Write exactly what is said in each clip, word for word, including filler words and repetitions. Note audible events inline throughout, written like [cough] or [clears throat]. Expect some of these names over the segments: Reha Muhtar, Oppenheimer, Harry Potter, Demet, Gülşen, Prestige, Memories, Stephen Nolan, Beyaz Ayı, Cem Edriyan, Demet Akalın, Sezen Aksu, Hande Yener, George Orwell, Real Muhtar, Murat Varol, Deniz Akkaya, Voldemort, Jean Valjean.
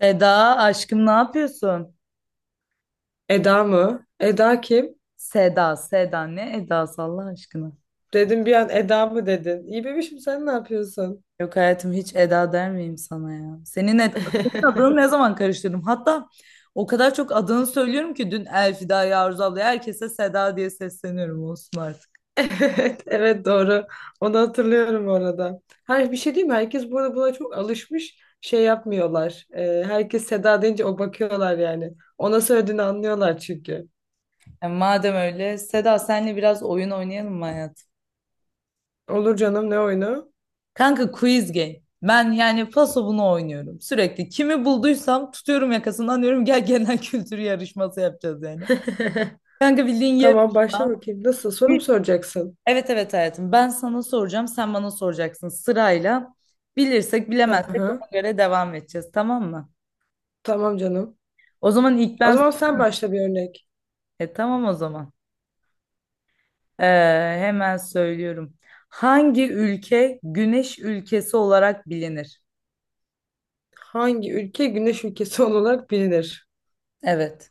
Eda aşkım ne yapıyorsun? Eda mı? Eda kim? Seda, Seda ne Eda'sı Allah aşkına. Dedim bir an Eda mı dedin? İyi bebişim sen ne yapıyorsun? Yok hayatım hiç Eda der miyim sana ya? Senin, Ed senin adını [laughs] ne zaman karıştırdım? Hatta o kadar çok adını söylüyorum ki dün Elfida'ya, Arzu ablaya herkese Seda diye sesleniyorum olsun artık. Evet, evet doğru. Onu hatırlıyorum orada. Her bir şey değil mi? Herkes burada buna çok alışmış. Şey yapmıyorlar. Ee, herkes Seda deyince o bakıyorlar yani. Ona söylediğini anlıyorlar çünkü. Yani madem öyle Seda senle biraz oyun oynayalım mı hayatım? Olur canım ne oyunu? Kanka quiz game. Ben yani paso bunu oynuyorum sürekli. Kimi bulduysam tutuyorum yakasından diyorum gel genel kültür yarışması yapacağız yani. [laughs] Kanka bildiğin Tamam başla yarışma. bakayım. Nasıl, soru mu soracaksın? Evet evet hayatım. Ben sana soracağım, sen bana soracaksın sırayla. Bilirsek, Hı bilemezsek ona hı. göre devam edeceğiz, tamam mı? Tamam canım. O zaman ilk O ben zaman sen sorayım. başla bir örnek. E, tamam o zaman. Ee, Hemen söylüyorum. Hangi ülke güneş ülkesi olarak bilinir? Hangi ülke güneş ülkesi [laughs] olarak bilinir? Evet.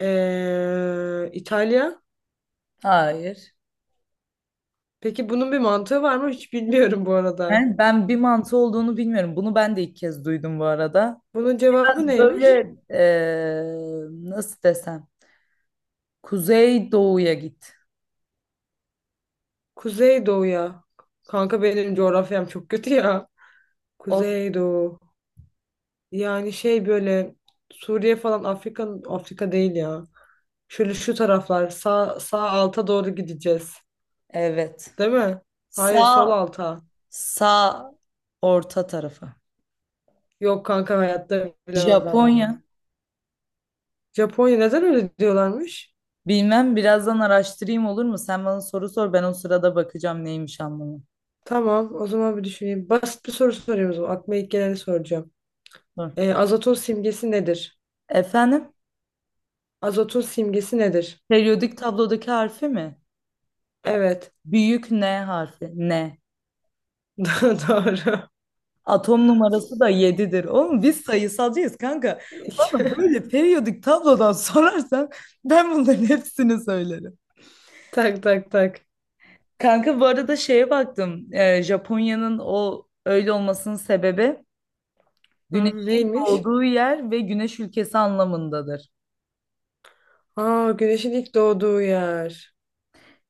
Ee, İtalya. Hayır. Peki bunun bir mantığı var mı? Hiç bilmiyorum bu arada. Ben, ben bir mantı olduğunu bilmiyorum. Bunu ben de ilk kez duydum bu arada. Bunun cevabı neymiş? Böyle, ee, nasıl desem? Kuzey doğuya git. Kuzeydoğu'ya. Kanka benim coğrafyam çok kötü ya. O, Kuzeydoğu. Yani şey böyle Suriye falan, Afrika Afrika değil ya. Şöyle şu taraflar sağ sağ alta doğru gideceğiz. evet. Değil mi? Hayır, sol Sağ alta. sağ orta tarafa. Yok kanka, hayatta bilemem ben bunu. Japonya. Japonya neden öyle diyorlarmış? Bilmem birazdan araştırayım olur mu? Sen bana soru sor ben o sırada bakacağım neymiş anlamı. Tamam, o zaman bir düşüneyim. Basit bir soru sorayım o zaman. Aklıma ilk geleni soracağım. Dur. Ee, azotun simgesi nedir? Efendim? Azotun simgesi nedir? Periyodik tablodaki harfi mi? Evet. Büyük N harfi. N. [laughs] Do- Doğru. Atom numarası da yedidir. Oğlum biz sayısalcıyız kanka. Bana [laughs] böyle periyodik tablodan [laughs] sorarsan ben bunların hepsini söylerim. Tak tak tak. Kanka bu arada şeye baktım. Ee, Japonya'nın o öyle olmasının sebebi Hı, güneşin Neymiş? doğduğu yer ve güneş ülkesi anlamındadır. Aa, güneşin ilk doğduğu yer.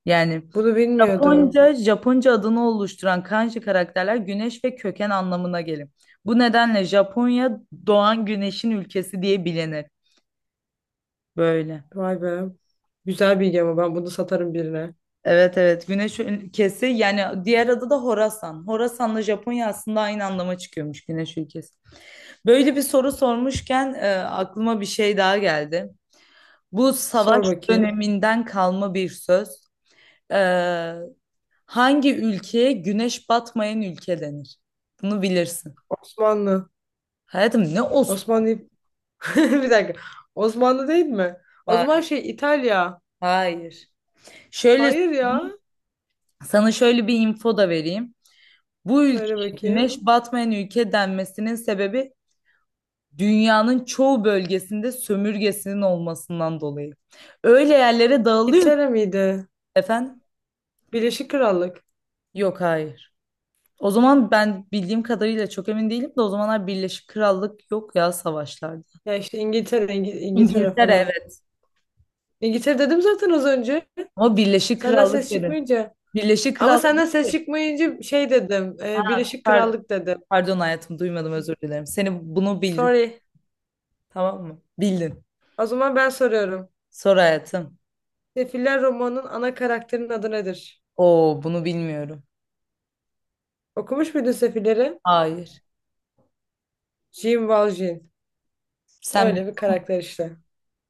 Yani Bunu bilmiyordum. Japonca, Japonca adını oluşturan kanji karakterler güneş ve köken anlamına gelir. Bu nedenle Japonya doğan güneşin ülkesi diye bilinir. Böyle. Vay be. Güzel bilgi ama ben bunu satarım birine. Evet evet güneş ülkesi yani diğer adı da Horasan. Horasan'la Japonya aslında aynı anlama çıkıyormuş güneş ülkesi. Böyle bir soru sormuşken e, aklıma bir şey daha geldi. Bu savaş Sor bakayım. döneminden kalma bir söz. E, Hangi ülkeye güneş batmayan ülke denir? Bunu bilirsin. Osmanlı. Hayatım ne olsun? Osmanlı. [laughs] Bir dakika. Osmanlı değil mi? O zaman Ha- şey İtalya. Hayır. Şöyle Hayır ya. sana şöyle bir info da vereyim. Bu Söyle ülkeye bakayım. güneş batmayan ülke denmesinin sebebi dünyanın çoğu bölgesinde sömürgesinin olmasından dolayı. Öyle yerlere dağılıyor ki- İngiltere miydi? efendim. Birleşik Krallık. Yok hayır. O zaman ben bildiğim kadarıyla çok emin değilim de o zamanlar Birleşik Krallık yok ya savaşlarda. Ya işte İngiltere, İngi- İngiltere İngiltere falan. evet. İngiltere dedim zaten az önce. Ama Birleşik Senden Krallık ses dedim. çıkmayınca. Birleşik Ama Krallık değil senden ses ki. çıkmayınca şey dedim. e, Birleşik pardon, Krallık dedim. pardon hayatım duymadım özür dilerim. Seni bunu bildim. Sorry. Tamam mı? Bildin. O zaman ben soruyorum. Sor hayatım. Sefiller romanının ana karakterinin adı nedir? Oo bunu bilmiyorum. Okumuş muydun Sefilleri? Hayır. Jean Valjean. Sen Öyle bir karakter işte.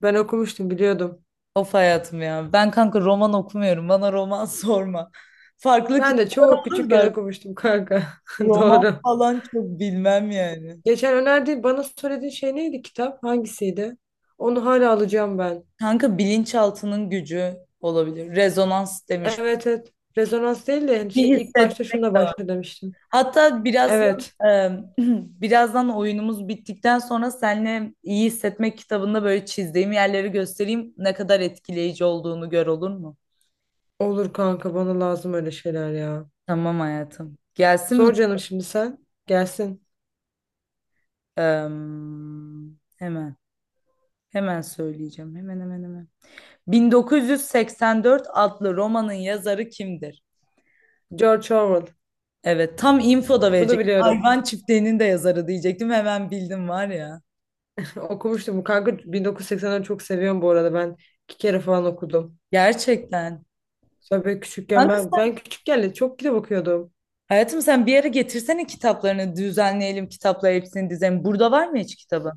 Ben okumuştum, biliyordum. of hayatım ya. Ben kanka roman okumuyorum. Bana roman [laughs] sorma. Farklı Ben de kitaplar çok olur da küçükken okumuştum kanka. [laughs] roman Doğru. falan çok bilmem yani. Geçen önerdiğin, bana söylediğin şey neydi, kitap? Hangisiydi? Onu hala alacağım ben. Kanka bilinçaltının gücü olabilir. Rezonans demiş. Evet, evet. Rezonans değil de yani şey, Bir ilk başta hissetmek şununla de var. başla demiştin. Hatta birazdan Evet. e, [clears throat] birazdan oyunumuz bittikten sonra seninle iyi hissetmek kitabında böyle çizdiğim yerleri göstereyim. Ne kadar etkileyici olduğunu gör olur mu? Olur kanka, bana lazım öyle şeyler ya. Tamam hayatım. Gelsin mi? Sor canım şimdi sen. Gelsin. Em, hemen. Hemen söyleyeceğim. Hemen hemen hemen. bin dokuz yüz seksen dört adlı romanın yazarı kimdir? George Orwell. Evet, tam info da Bunu verecektim. biliyorum. Hayvan çiftliğinin de yazarı diyecektim. Hemen bildim var ya. [laughs] Okumuştum. Kanka bin dokuz yüz seksenleri çok seviyorum bu arada. Ben iki kere falan okudum. Gerçekten. Sonra böyle küçükken Kanka, ben ben küçükken de çok kitap okuyordum. hayatım sen bir ara getirsene kitaplarını düzenleyelim. Kitapları hepsini dizelim. Burada var mı hiç kitabı?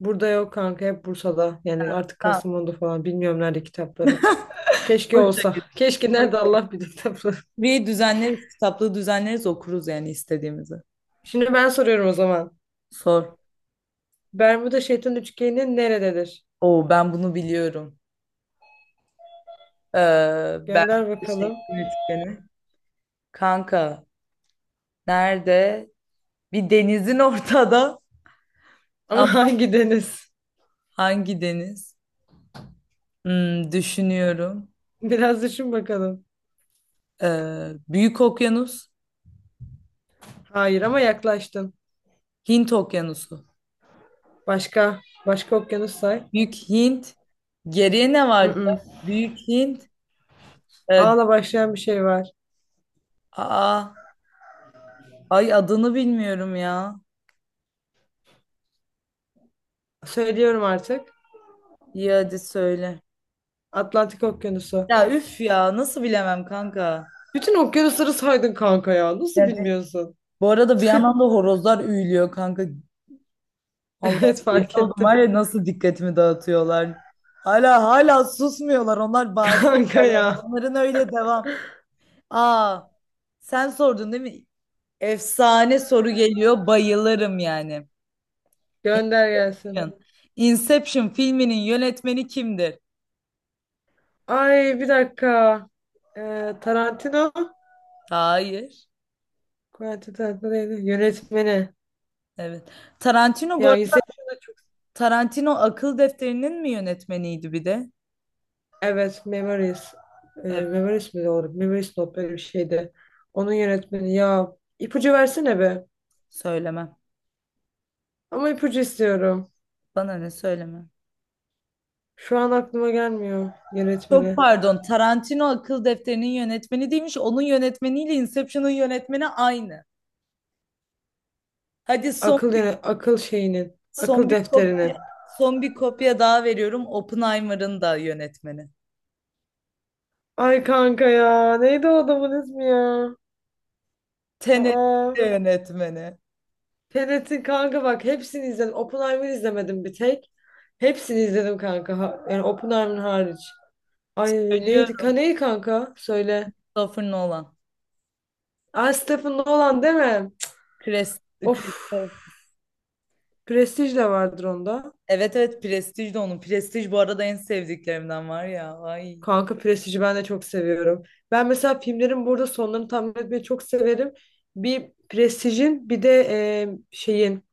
Burada yok kanka, hep Bursa'da. Yani artık Tamam. Kastamonu'da falan, bilmiyorum nerede kitaplarım. Keşke Boş ver, olsa. Keşke, boş nerede ver. Allah bilir tabii. [laughs] Bir düzenleriz. Kitaplığı düzenleriz okuruz yani istediğimizi. Şimdi ben soruyorum o zaman. Sor. Bermuda Şeytan Üçgeni nerededir? Oo ben bunu biliyorum. Ee, ben Gönder şey, bakalım. Yönetmeni. Kanka nerede? Bir denizin [laughs] ortada Ama [laughs] ama hangi deniz? hangi deniz? Hmm, düşünüyorum. Biraz düşün bakalım. Ee, Büyük Okyanus, Hayır, ama yaklaştın. Hint Okyanusu. Başka. Başka okyanus say. Büyük Hint. Geriye ne vardı? Mm-mm. Büyük Hint. Ee, A'la başlayan bir şey var. aa, ay adını bilmiyorum ya. Söylüyorum artık. İyi hadi söyle. Atlantik Okyanusu. Ya üf ya nasıl bilemem kanka. Bütün okyanusları saydın kanka ya. Nasıl Yani, bilmiyorsun? [laughs] bu arada bir yandan da horozlar üyülüyor kanka. Allah Evet, deli fark oldum var ettim. ya nasıl dikkatimi dağıtıyorlar. Hala hala susmuyorlar onlar [laughs] bağırıyorlar Kanka yani. ya. Onların öyle devam. Aa sen sordun değil mi? Efsane soru geliyor bayılırım yani. Gönder gelsin. Inception filminin yönetmeni kimdir? Ay bir dakika. Ee, Tarantino. Hayır. Quentin Tarantino'ydu. Yönetmeni. Evet. Tarantino bu Ya arada Inception'ı da çok... Tarantino Akıl Defteri'nin mi yönetmeniydi bir de? Evet, Memories. Ee, Evet Memories mi doğru? Memories not, böyle bir şeydi. Onun yönetmeni. Ya, ipucu versene be. söylemem. Ama ipucu istiyorum. Bana ne söyleme. Şu an aklıma gelmiyor Çok yönetmeni. pardon. Tarantino akıl defterinin yönetmeni değilmiş. Onun yönetmeniyle Inception'ın yönetmeni aynı. Hadi son Akıl yöne- akıl şeyinin. son Akıl bir defterinin. kopya son bir kopya daha veriyorum. Oppenheimer'ın da yönetmeni. Ay kanka ya. Neydi o adamın ismi ya? Tenet'in Aa. de yönetmeni. Tenet'in kanka, bak hepsini izledim. Oppenheimer'ı izlemedim bir tek. Hepsini izledim kanka. Ha- Yani Oppenheimer hariç. Ay neydi? Ka, Ölüyorum. neyi kanka? Söyle. Christopher Nolan. Aa, Stephen Nolan değil mi? Cık. Chris, Chris- Of. Prestige de vardır onda. Evet evet Prestige de onun. Prestige bu arada en sevdiklerimden var ya. Ay Kanka Prestige'i ben de çok seviyorum. Ben mesela filmlerin burada sonlarını tahmin etmeyi çok severim. Bir Prestige'in, bir de e, şeyin,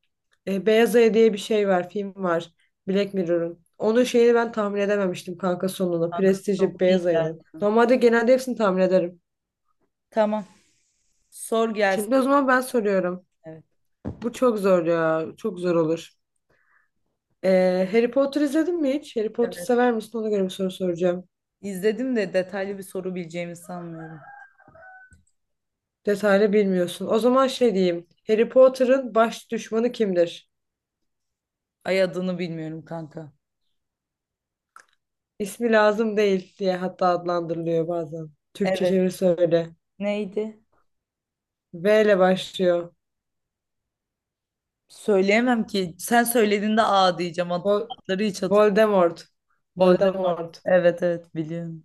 e, Beyaz Ayı diye bir şey var. Film var. Black Mirror'ın. Onun şeyini ben tahmin edememiştim kanka, sonunu. kanka Prestige'i, çok iyi Beyaz Ayı'nın. gerçekten. Normalde genelde hepsini tahmin ederim. Tamam. Sor gelsin. Şimdi o zaman ben soruyorum. Evet. Bu çok zor ya. Çok zor olur. Ee, Harry Potter izledin mi hiç? Harry Potter Evet. sever misin? Ona göre bir soru soracağım. İzledim de detaylı bir soru bileceğimi sanmıyorum. Detaylı bilmiyorsun. O zaman şey diyeyim. Harry Potter'ın baş düşmanı kimdir? Ay adını bilmiyorum kanka. İsmi lazım değil diye hatta adlandırılıyor bazen. Türkçe Evet. çevirisi öyle. Neydi? V ile başlıyor. Söyleyemem ki. Sen söylediğinde A diyeceğim. Ad- Vol adları hiç hatırlamıyorum. Voldemort. Voldemort. Voldemort. Evet evet biliyorum.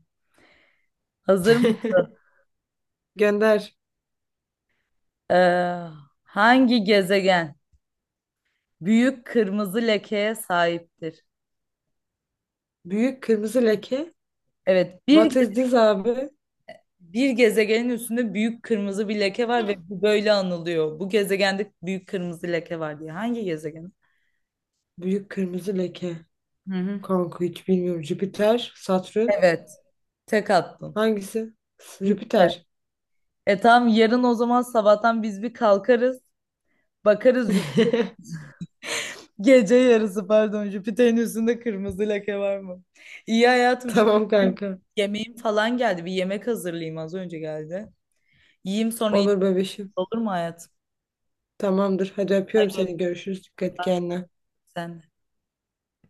Hazır mısın? [laughs] Gönder. Ee, hangi gezegen büyük kırmızı lekeye sahiptir? Büyük kırmızı leke. Evet bir What ge- is this abi? bir gezegenin üstünde büyük kırmızı bir leke var ve bu böyle anılıyor. Bu gezegende büyük kırmızı leke var diye. Hangi gezegen? Büyük kırmızı leke. Hı hı. Kanka hiç bilmiyorum. Jüpiter, Satürn. Evet. Tek attın. Hangisi? Jüpiter. Jüpiter. E tamam yarın o zaman sabahtan biz bir kalkarız. Bakarız Jüpiter. [laughs] Gece yarısı pardon Jüpiter'in üstünde kırmızı leke var mı? İyi hayatım şimdi Tamam benim kanka. yemeğim falan geldi. Bir yemek hazırlayayım az önce geldi. Yiyeyim sonra yine Olur bebişim. olur mu hayatım? Tamamdır. Hadi öpüyorum Hadi seni. Görüşürüz. Dikkat öpüyorum et ben. kendine. Sen de.